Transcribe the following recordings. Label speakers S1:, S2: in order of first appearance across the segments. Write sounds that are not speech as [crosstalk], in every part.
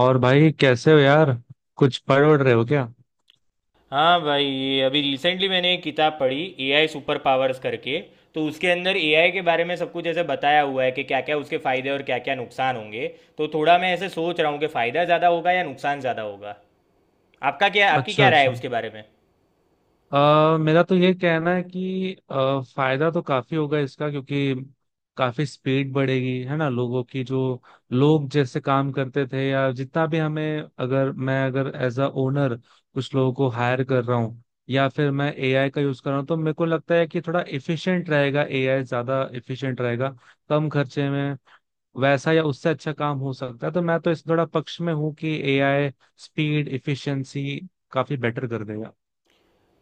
S1: और भाई कैसे हो यार। कुछ पढ़ उड़ रहे हो क्या?
S2: हाँ भाई, ये अभी रिसेंटली मैंने एक किताब पढ़ी, एआई सुपर पावर्स करके। तो उसके अंदर एआई के बारे में सब कुछ ऐसे बताया हुआ है कि क्या क्या उसके फायदे और क्या क्या नुकसान होंगे। तो थोड़ा मैं ऐसे सोच रहा हूँ कि फायदा ज़्यादा होगा या नुकसान ज़्यादा होगा। आपका क्या, आपकी
S1: अच्छा
S2: क्या राय है
S1: अच्छा।
S2: उसके बारे में?
S1: मेरा तो ये कहना है कि फायदा तो काफी होगा इसका, क्योंकि काफी स्पीड बढ़ेगी है ना लोगों की। जो लोग जैसे काम करते थे, या जितना भी हमें, अगर मैं अगर एज अ ओनर कुछ लोगों को हायर कर रहा हूँ या फिर मैं एआई का यूज कर रहा हूँ, तो मेरे को लगता है कि थोड़ा इफिशिएंट रहेगा, एआई ज्यादा इफिशिएंट रहेगा। कम खर्चे में वैसा या उससे अच्छा काम हो सकता है, तो मैं तो इस थोड़ा पक्ष में हूँ कि एआई स्पीड इफिशिएंसी काफी बेटर कर देगा।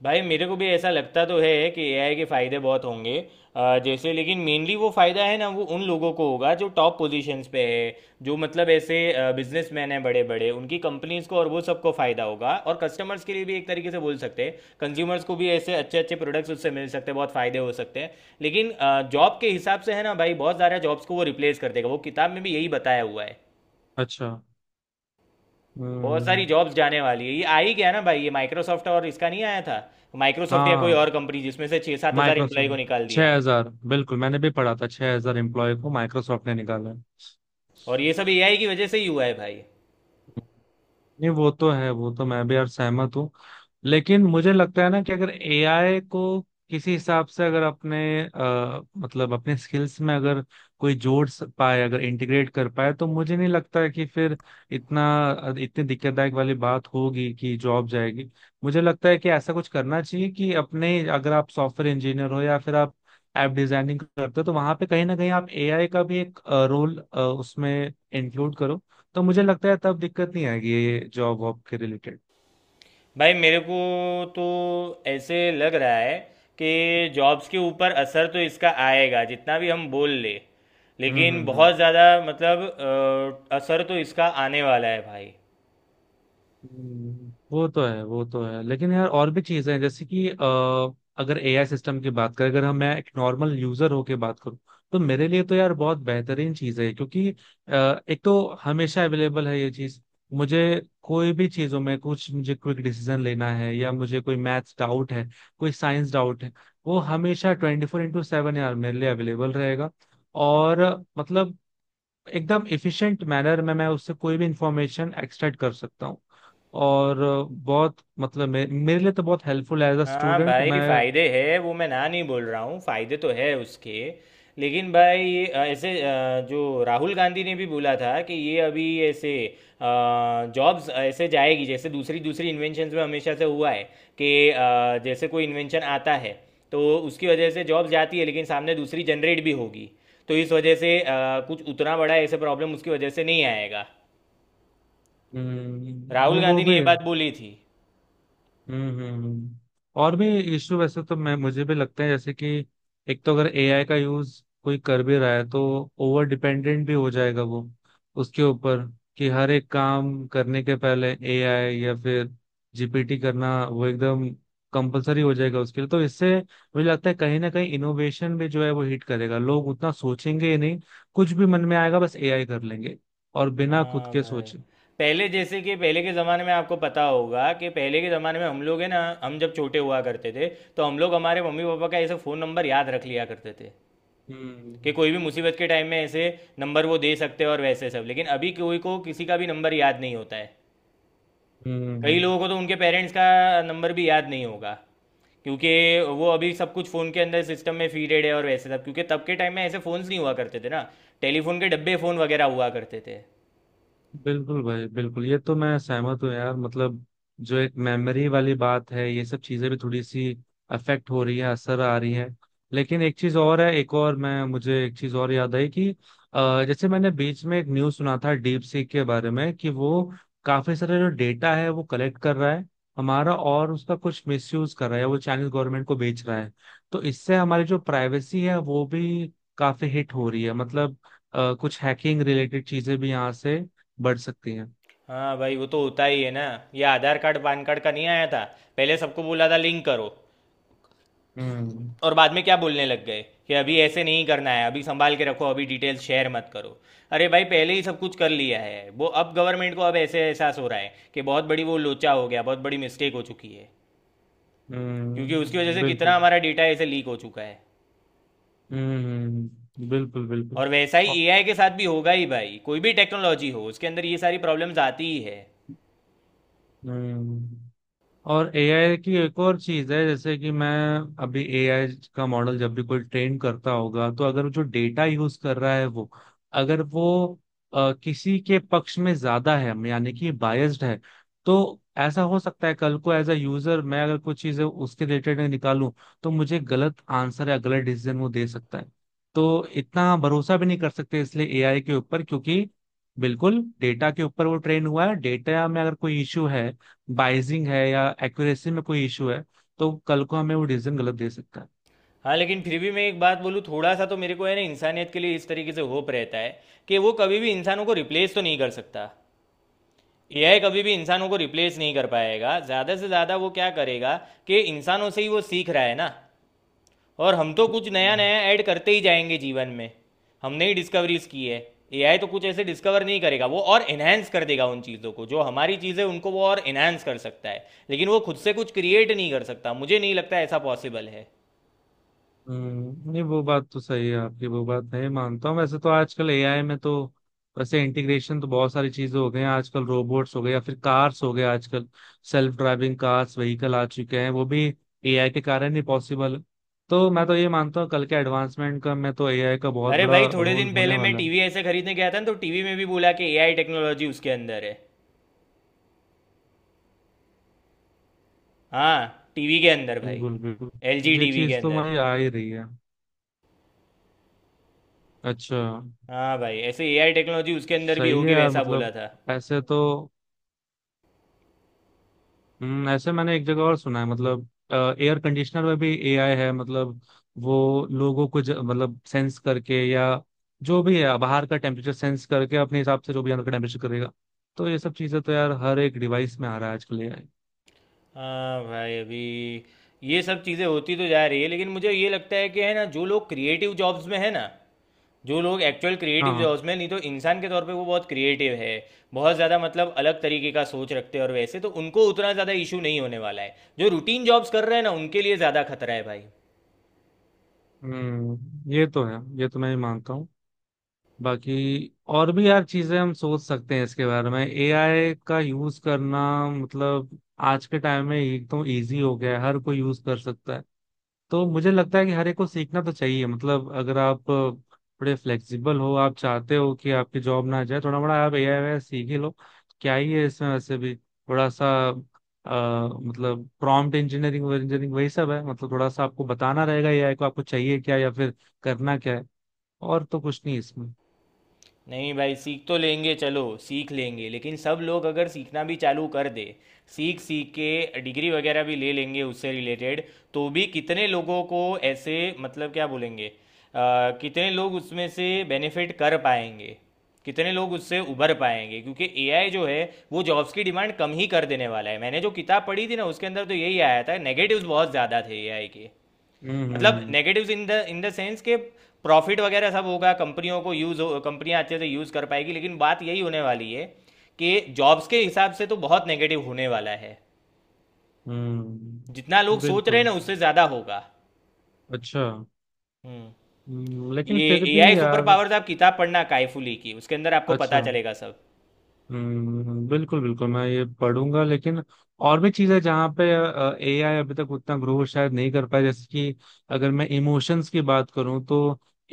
S2: भाई मेरे को भी ऐसा लगता तो है कि एआई के फ़ायदे बहुत होंगे। जैसे लेकिन मेनली वो फ़ायदा है ना, वो उन लोगों को होगा जो टॉप पोजीशंस पे है। जो मतलब ऐसे बिजनेसमैन हैं बड़े बड़े, उनकी कंपनीज को और वो सबको फ़ायदा होगा, और कस्टमर्स के लिए भी एक तरीके से बोल सकते हैं, कंज्यूमर्स को भी ऐसे अच्छे अच्छे प्रोडक्ट्स उससे मिल सकते हैं, बहुत फ़ायदे हो सकते हैं। लेकिन जॉब के हिसाब से है ना भाई, बहुत सारे जॉब्स को वो रिप्लेस कर देगा, वो किताब में भी यही बताया हुआ है।
S1: अच्छा।
S2: बहुत सारी
S1: हम्म।
S2: जॉब्स जाने वाली है। ये आ ही गया ना भाई, ये माइक्रोसॉफ्ट और इसका नहीं आया था? माइक्रोसॉफ्ट या कोई
S1: हाँ,
S2: और कंपनी, जिसमें से 6-7 हज़ार एम्प्लॉय को निकाल
S1: माइक्रोसॉफ्ट
S2: दिया।
S1: 6,000। बिल्कुल, मैंने भी पढ़ा था, 6,000 एम्प्लॉय को माइक्रोसॉफ्ट ने निकाला
S2: और ये सब एआई की वजह से ही हुआ है भाई।
S1: है। नहीं, वो तो है, वो तो मैं भी यार सहमत हूँ, लेकिन मुझे लगता है ना कि अगर एआई को किसी हिसाब से अगर अपने मतलब अपने स्किल्स में अगर कोई जोड़ पाए, अगर इंटीग्रेट कर पाए, तो मुझे नहीं लगता है कि फिर इतना, इतनी दिक्कतदायक वाली बात होगी कि जॉब जाएगी। मुझे लगता है कि ऐसा कुछ करना चाहिए कि अपने अगर आप सॉफ्टवेयर इंजीनियर हो या फिर आप ऐप डिजाइनिंग करते हो, तो वहां पे कहीं ना कहीं आप एआई का भी एक रोल उसमें इंक्लूड करो। तो मुझे लगता है तब दिक्कत नहीं आएगी ये जॉब वॉब के रिलेटेड।
S2: भाई मेरे को तो ऐसे लग रहा है कि जॉब्स के ऊपर असर तो इसका आएगा, जितना भी हम बोल ले, लेकिन
S1: हम्म।
S2: बहुत ज़्यादा मतलब असर तो इसका आने वाला है भाई।
S1: वो तो है, वो तो है, लेकिन यार और भी चीजें हैं, जैसे कि अगर एआई सिस्टम की बात करें, अगर हम मैं एक नॉर्मल यूजर होके बात करूं, तो मेरे लिए तो यार बहुत बेहतरीन चीज है, क्योंकि एक तो हमेशा अवेलेबल है ये चीज। मुझे कोई भी चीजों में कुछ, मुझे क्विक डिसीजन लेना है या मुझे कोई मैथ्स डाउट है, कोई साइंस डाउट है, वो हमेशा 24/7 यार मेरे लिए अवेलेबल रहेगा। और मतलब एकदम एफिशिएंट मैनर में मैं उससे कोई भी इंफॉर्मेशन एक्सट्रैक्ट कर सकता हूँ। और बहुत मतलब मेरे लिए तो बहुत हेल्पफुल है एज अ
S2: हाँ
S1: स्टूडेंट
S2: भाई,
S1: मैं।
S2: फायदे है, वो मैं ना नहीं बोल रहा हूँ, फायदे तो है उसके। लेकिन भाई ऐसे जो राहुल गांधी ने भी बोला था कि ये अभी ऐसे जॉब्स ऐसे जाएगी, जैसे दूसरी दूसरी इन्वेंशंस में हमेशा से हुआ है। कि जैसे कोई इन्वेंशन आता है तो उसकी वजह से जॉब जाती है, लेकिन सामने दूसरी जनरेट भी होगी, तो इस वजह से कुछ उतना बड़ा ऐसे प्रॉब्लम उसकी वजह से नहीं आएगा। राहुल
S1: वो
S2: गांधी ने ये
S1: भी है।
S2: बात बोली थी।
S1: हम्म हम्म, हम्म। और भी इशू वैसे तो मैं मुझे भी लगता है, जैसे कि एक तो अगर एआई का यूज कोई कर भी रहा है, तो ओवर डिपेंडेंट भी हो जाएगा वो उसके ऊपर। कि हर एक काम करने के पहले एआई या फिर जीपीटी करना, वो एकदम कंपलसरी हो जाएगा उसके लिए, तो इससे मुझे लगता है कहीं ना कहीं इनोवेशन भी जो है वो हिट करेगा। लोग उतना सोचेंगे ही नहीं, कुछ भी मन में आएगा बस एआई कर लेंगे, और बिना खुद
S2: हाँ
S1: के
S2: भाई,
S1: सोचे।
S2: पहले जैसे कि पहले के ज़माने में आपको पता होगा, कि पहले के ज़माने में हम लोग है ना, हम जब छोटे हुआ करते थे तो हम लोग हमारे मम्मी पापा का ऐसे फ़ोन नंबर याद रख लिया करते थे,
S1: हम्म
S2: कि कोई भी मुसीबत के टाइम में ऐसे नंबर वो दे सकते हैं और वैसे सब। लेकिन अभी कोई को किसी का भी नंबर याद नहीं होता है। कई
S1: हम्म।
S2: लोगों को तो उनके पेरेंट्स का नंबर भी याद नहीं होगा, क्योंकि वो अभी सब कुछ फ़ोन के अंदर सिस्टम में फीडेड है और वैसे सब, क्योंकि तब के टाइम में ऐसे फ़ोन्स नहीं हुआ करते थे ना, टेलीफोन के डब्बे फ़ोन वगैरह हुआ करते थे।
S1: बिल्कुल भाई बिल्कुल, ये तो मैं सहमत हूँ यार। मतलब जो एक मेमोरी वाली बात है, ये सब चीजें भी थोड़ी सी अफेक्ट हो रही है, असर आ रही है। लेकिन एक चीज और है, एक और मैं मुझे एक चीज और याद आई कि जैसे मैंने बीच में एक न्यूज सुना था डीप सीक के बारे में कि वो काफी सारे जो डेटा है वो कलेक्ट कर रहा है हमारा, और उसका कुछ मिसयूज कर रहा है, वो चाइनीज गवर्नमेंट को बेच रहा है। तो इससे हमारी जो प्राइवेसी है वो भी काफी हिट हो रही है। मतलब कुछ हैकिंग रिलेटेड चीजें भी यहाँ से बढ़ सकती हैं।
S2: हाँ भाई, वो तो होता ही है ना। ये आधार कार्ड पान कार्ड का नहीं आया था? पहले सबको बोला था लिंक करो,
S1: हम्म
S2: और बाद में क्या बोलने लग गए, कि अभी ऐसे नहीं करना है, अभी संभाल के रखो, अभी डिटेल्स शेयर मत करो। अरे भाई, पहले ही सब कुछ कर लिया है वो, अब गवर्नमेंट को अब ऐसे एहसास हो रहा है कि बहुत बड़ी वो लोचा हो गया, बहुत बड़ी मिस्टेक हो चुकी है। क्योंकि उसकी वजह से कितना
S1: बिल्कुल।
S2: हमारा डेटा ऐसे लीक हो चुका है।
S1: बिल्कुल बिल्कुल।
S2: और वैसा ही
S1: और
S2: एआई के साथ भी होगा ही भाई, कोई भी टेक्नोलॉजी हो उसके अंदर ये सारी प्रॉब्लम्स आती ही है।
S1: हम्म, और एआई की एक और चीज है, जैसे कि मैं, अभी एआई का मॉडल जब भी कोई ट्रेन करता होगा, तो अगर जो डेटा यूज कर रहा है वो, अगर वो किसी के पक्ष में ज्यादा है, यानी कि बायस्ड है, तो ऐसा हो सकता है कल को एज अ यूजर मैं अगर कुछ चीजें उसके रिलेटेड निकालूं, तो मुझे गलत आंसर या गलत डिसीजन वो दे सकता है। तो इतना भरोसा भी नहीं कर सकते इसलिए एआई के ऊपर, क्योंकि बिल्कुल डेटा के ऊपर वो ट्रेन हुआ है, डेटा में अगर कोई इश्यू है, बाइजिंग है या एक्यूरेसी में कोई इशू है, तो कल को हमें वो डिसीजन गलत दे सकता है।
S2: हाँ, लेकिन फिर भी मैं एक बात बोलूँ थोड़ा सा, तो मेरे को है ना, इंसानियत के लिए इस तरीके से होप रहता है कि वो कभी भी इंसानों को रिप्लेस तो नहीं कर सकता। एआई कभी भी इंसानों को रिप्लेस नहीं कर पाएगा। ज़्यादा से ज़्यादा वो क्या करेगा, कि इंसानों से ही वो सीख रहा है ना, और हम तो कुछ नया
S1: हम्म,
S2: नया ऐड करते ही जाएंगे जीवन में। हमने ही डिस्कवरीज की है। एआई तो कुछ ऐसे डिस्कवर नहीं करेगा, वो और एनहेंस कर देगा उन चीज़ों को, जो हमारी चीज़ें उनको वो और एनहेंस कर सकता है, लेकिन वो खुद से कुछ क्रिएट नहीं कर सकता। मुझे नहीं लगता ऐसा पॉसिबल है।
S1: हम्म। नहीं, वो बात तो सही है आपकी, वो बात नहीं मानता हूँ, वैसे तो आजकल एआई में तो वैसे इंटीग्रेशन तो बहुत सारी चीजें हो गई हैं। आजकल रोबोट्स हो गए या फिर कार्स हो गए, आजकल सेल्फ ड्राइविंग कार्स व्हीकल आ चुके हैं, वो भी एआई के कारण ही पॉसिबल है। तो मैं तो ये मानता हूँ कल के एडवांसमेंट का, मैं तो एआई का बहुत
S2: अरे
S1: बड़ा
S2: भाई, थोड़े
S1: रोल
S2: दिन
S1: होने
S2: पहले मैं
S1: वाला है।
S2: टीवी ऐसे खरीदने गया था ना, तो टीवी में भी बोला कि एआई टेक्नोलॉजी उसके अंदर है। हाँ, टीवी के अंदर भाई,
S1: बिल्कुल बिल्कुल,
S2: एलजी
S1: ये
S2: टीवी के
S1: चीज तो
S2: अंदर।
S1: हमारी आ ही रही है। अच्छा।
S2: हाँ भाई, ऐसे एआई टेक्नोलॉजी उसके अंदर भी
S1: सही है
S2: होगी
S1: यार,
S2: वैसा बोला
S1: मतलब
S2: था।
S1: ऐसे तो। ऐसे मैंने एक जगह और सुना है, मतलब एयर कंडीशनर में भी एआई है। मतलब वो लोगों को मतलब सेंस करके, या जो भी है बाहर का टेम्परेचर सेंस करके अपने हिसाब से जो भी अंदर का टेम्परेचर करेगा। तो ये सब चीजें तो यार हर एक डिवाइस में आ रहा है आजकल एआई।
S2: हाँ भाई अभी, ये सब चीज़ें होती तो जा रही है, लेकिन मुझे ये लगता है कि है ना, जो लोग क्रिएटिव जॉब्स में है ना, जो लोग एक्चुअल
S1: हाँ
S2: क्रिएटिव
S1: हाँ।
S2: जॉब्स में, नहीं तो इंसान के तौर पे वो बहुत क्रिएटिव है, बहुत ज़्यादा मतलब अलग तरीके का सोच रखते हैं, और वैसे तो उनको उतना ज़्यादा इशू नहीं होने वाला है। जो रूटीन जॉब्स कर रहे हैं ना, उनके लिए ज़्यादा खतरा है भाई।
S1: हम्म, ये तो है, ये तो मैं भी मानता हूँ। बाकी और भी यार चीजें हम सोच सकते हैं इसके बारे में, एआई का यूज करना। मतलब आज के टाइम में एक तो इजी हो गया है, हर कोई यूज कर सकता है। तो मुझे लगता है कि हर एक को सीखना तो चाहिए, मतलब अगर आप थोड़े फ्लेक्सिबल हो, आप चाहते हो कि आपकी जॉब ना जाए, थोड़ा बड़ा आप एआई वगैरह सीख ही लो। क्या ही है इसमें, वैसे भी थोड़ा सा मतलब प्रॉम्प्ट इंजीनियरिंग इंजीनियरिंग वही सब है। मतलब थोड़ा सा आपको बताना रहेगा एआई को, आपको चाहिए क्या या फिर करना क्या है। और तो कुछ नहीं इसमें।
S2: नहीं भाई, सीख तो लेंगे, चलो सीख लेंगे, लेकिन सब लोग अगर सीखना भी चालू कर दे, सीख सीख के डिग्री वगैरह भी ले लेंगे उससे रिलेटेड, तो भी कितने लोगों को ऐसे, मतलब क्या बोलेंगे, कितने लोग उसमें से बेनिफिट कर पाएंगे, कितने लोग उससे उभर पाएंगे, क्योंकि एआई जो है वो जॉब्स की डिमांड कम ही कर देने वाला है। मैंने जो किताब पढ़ी थी ना, उसके अंदर तो यही आया था, नेगेटिव्स बहुत ज़्यादा थे एआई के। मतलब
S1: हम्म।
S2: नेगेटिव्स इन द सेंस के, प्रॉफिट वगैरह सब होगा कंपनियों को, यूज हो, कंपनियां अच्छे से यूज कर पाएगी, लेकिन बात यही होने वाली है कि जॉब्स के हिसाब से तो बहुत नेगेटिव होने वाला है। जितना लोग सोच रहे हैं
S1: बिल्कुल।
S2: ना, उससे ज़्यादा होगा।
S1: अच्छा।
S2: हम्म।
S1: लेकिन
S2: ये
S1: फिर भी
S2: एआई सुपर
S1: यार।
S2: पावर्स आप किताब पढ़ना कायफुली की, उसके अंदर आपको पता
S1: अच्छा।
S2: चलेगा सब।
S1: बिल्कुल बिल्कुल, मैं ये पढ़ूंगा, लेकिन और भी चीजें जहाँ पे एआई अभी तक उतना ग्रो शायद नहीं कर पाया, जैसे कि अगर मैं इमोशंस की बात करूं, तो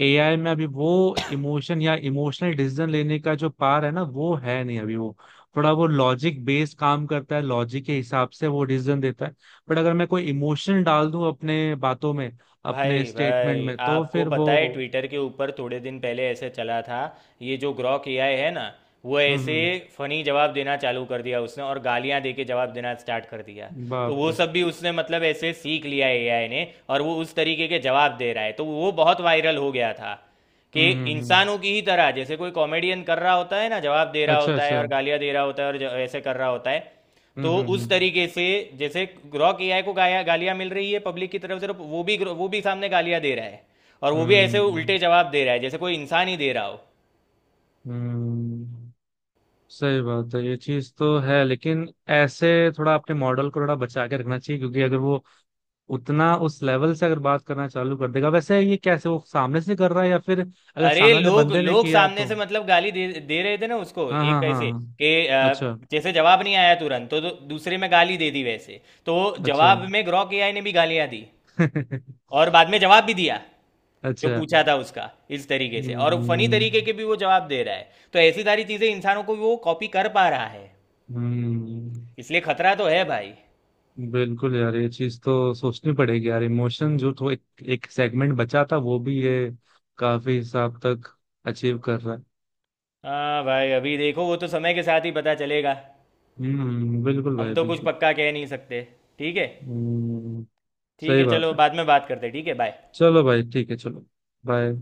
S1: एआई में अभी वो इमोशन या इमोशनल डिसीजन लेने का जो पार है ना, वो है नहीं अभी। वो थोड़ा वो लॉजिक बेस्ड काम करता है, लॉजिक के हिसाब से वो डिसीजन देता है। बट अगर मैं कोई इमोशन डाल दूं अपने बातों में,
S2: भाई
S1: अपने स्टेटमेंट
S2: भाई,
S1: में, तो
S2: आपको
S1: फिर
S2: पता है
S1: वो।
S2: ट्विटर के ऊपर थोड़े दिन पहले ऐसे चला था, ये जो ग्रॉक एआई है ना, वो ऐसे
S1: हम्म
S2: फनी जवाब देना चालू कर दिया उसने, और गालियां दे के जवाब देना स्टार्ट कर दिया।
S1: हम्म,
S2: तो
S1: बाप
S2: वो
S1: रे।
S2: सब भी उसने मतलब ऐसे सीख लिया एआई ने, और वो उस तरीके के जवाब दे रहा है, तो वो बहुत वायरल हो गया था, कि
S1: हम्म।
S2: इंसानों की ही तरह, जैसे कोई कॉमेडियन कर रहा होता है ना, जवाब दे रहा
S1: अच्छा
S2: होता है
S1: अच्छा।
S2: और गालियां दे रहा होता है और ऐसे कर रहा होता है। तो
S1: हम्म
S2: उस
S1: हम्म
S2: तरीके से जैसे ग्रॉक एआई को गाया गालियां मिल रही है पब्लिक की तरफ से, तो वो भी सामने गालियां दे रहा है, और वो भी ऐसे
S1: हम्म
S2: उल्टे जवाब दे रहा है, जैसे कोई इंसान ही दे रहा हो।
S1: हम्म। सही बात है, ये चीज तो है, लेकिन ऐसे थोड़ा अपने मॉडल को थोड़ा बचा के रखना चाहिए, क्योंकि अगर वो उतना उस लेवल से अगर बात करना चालू कर देगा, वैसे ये कैसे वो सामने से कर रहा है, या फिर अगर
S2: अरे
S1: सामने वाले
S2: लोग
S1: बंदे ने
S2: लोग
S1: किया
S2: सामने से
S1: तो।
S2: मतलब गाली दे दे रहे थे ना उसको,
S1: हाँ
S2: एक
S1: हाँ हाँ
S2: कैसे
S1: हाँ,
S2: कि,
S1: अच्छा।
S2: जैसे जवाब नहीं आया तुरंत तो दूसरे में गाली दे दी वैसे, तो
S1: अच्छा।
S2: जवाब में ग्रॉक एआई ने भी गालियां दी, और
S1: [laughs]
S2: बाद में जवाब भी दिया जो
S1: अच्छा।
S2: पूछा था उसका। इस तरीके से और फनी तरीके
S1: हम्म
S2: के भी वो जवाब दे रहा है, तो ऐसी सारी चीजें इंसानों को वो कॉपी कर पा रहा है,
S1: हम्म।
S2: इसलिए खतरा तो है भाई।
S1: बिल्कुल यार, ये चीज तो सोचनी पड़ेगी यार। इमोशन जो, तो एक, एक सेगमेंट बचा था वो भी ये काफी हिसाब तक अचीव कर रहा है।
S2: हाँ भाई, अभी देखो वो तो समय के साथ ही पता चलेगा,
S1: बिल्कुल
S2: हम
S1: भाई
S2: तो कुछ
S1: बिल्कुल।
S2: पक्का कह नहीं सकते। ठीक है।
S1: हम्म,
S2: ठीक
S1: सही
S2: है
S1: बात
S2: चलो,
S1: है।
S2: बाद में बात करते हैं, ठीक है, बाय।
S1: चलो भाई ठीक है, चलो। बाय।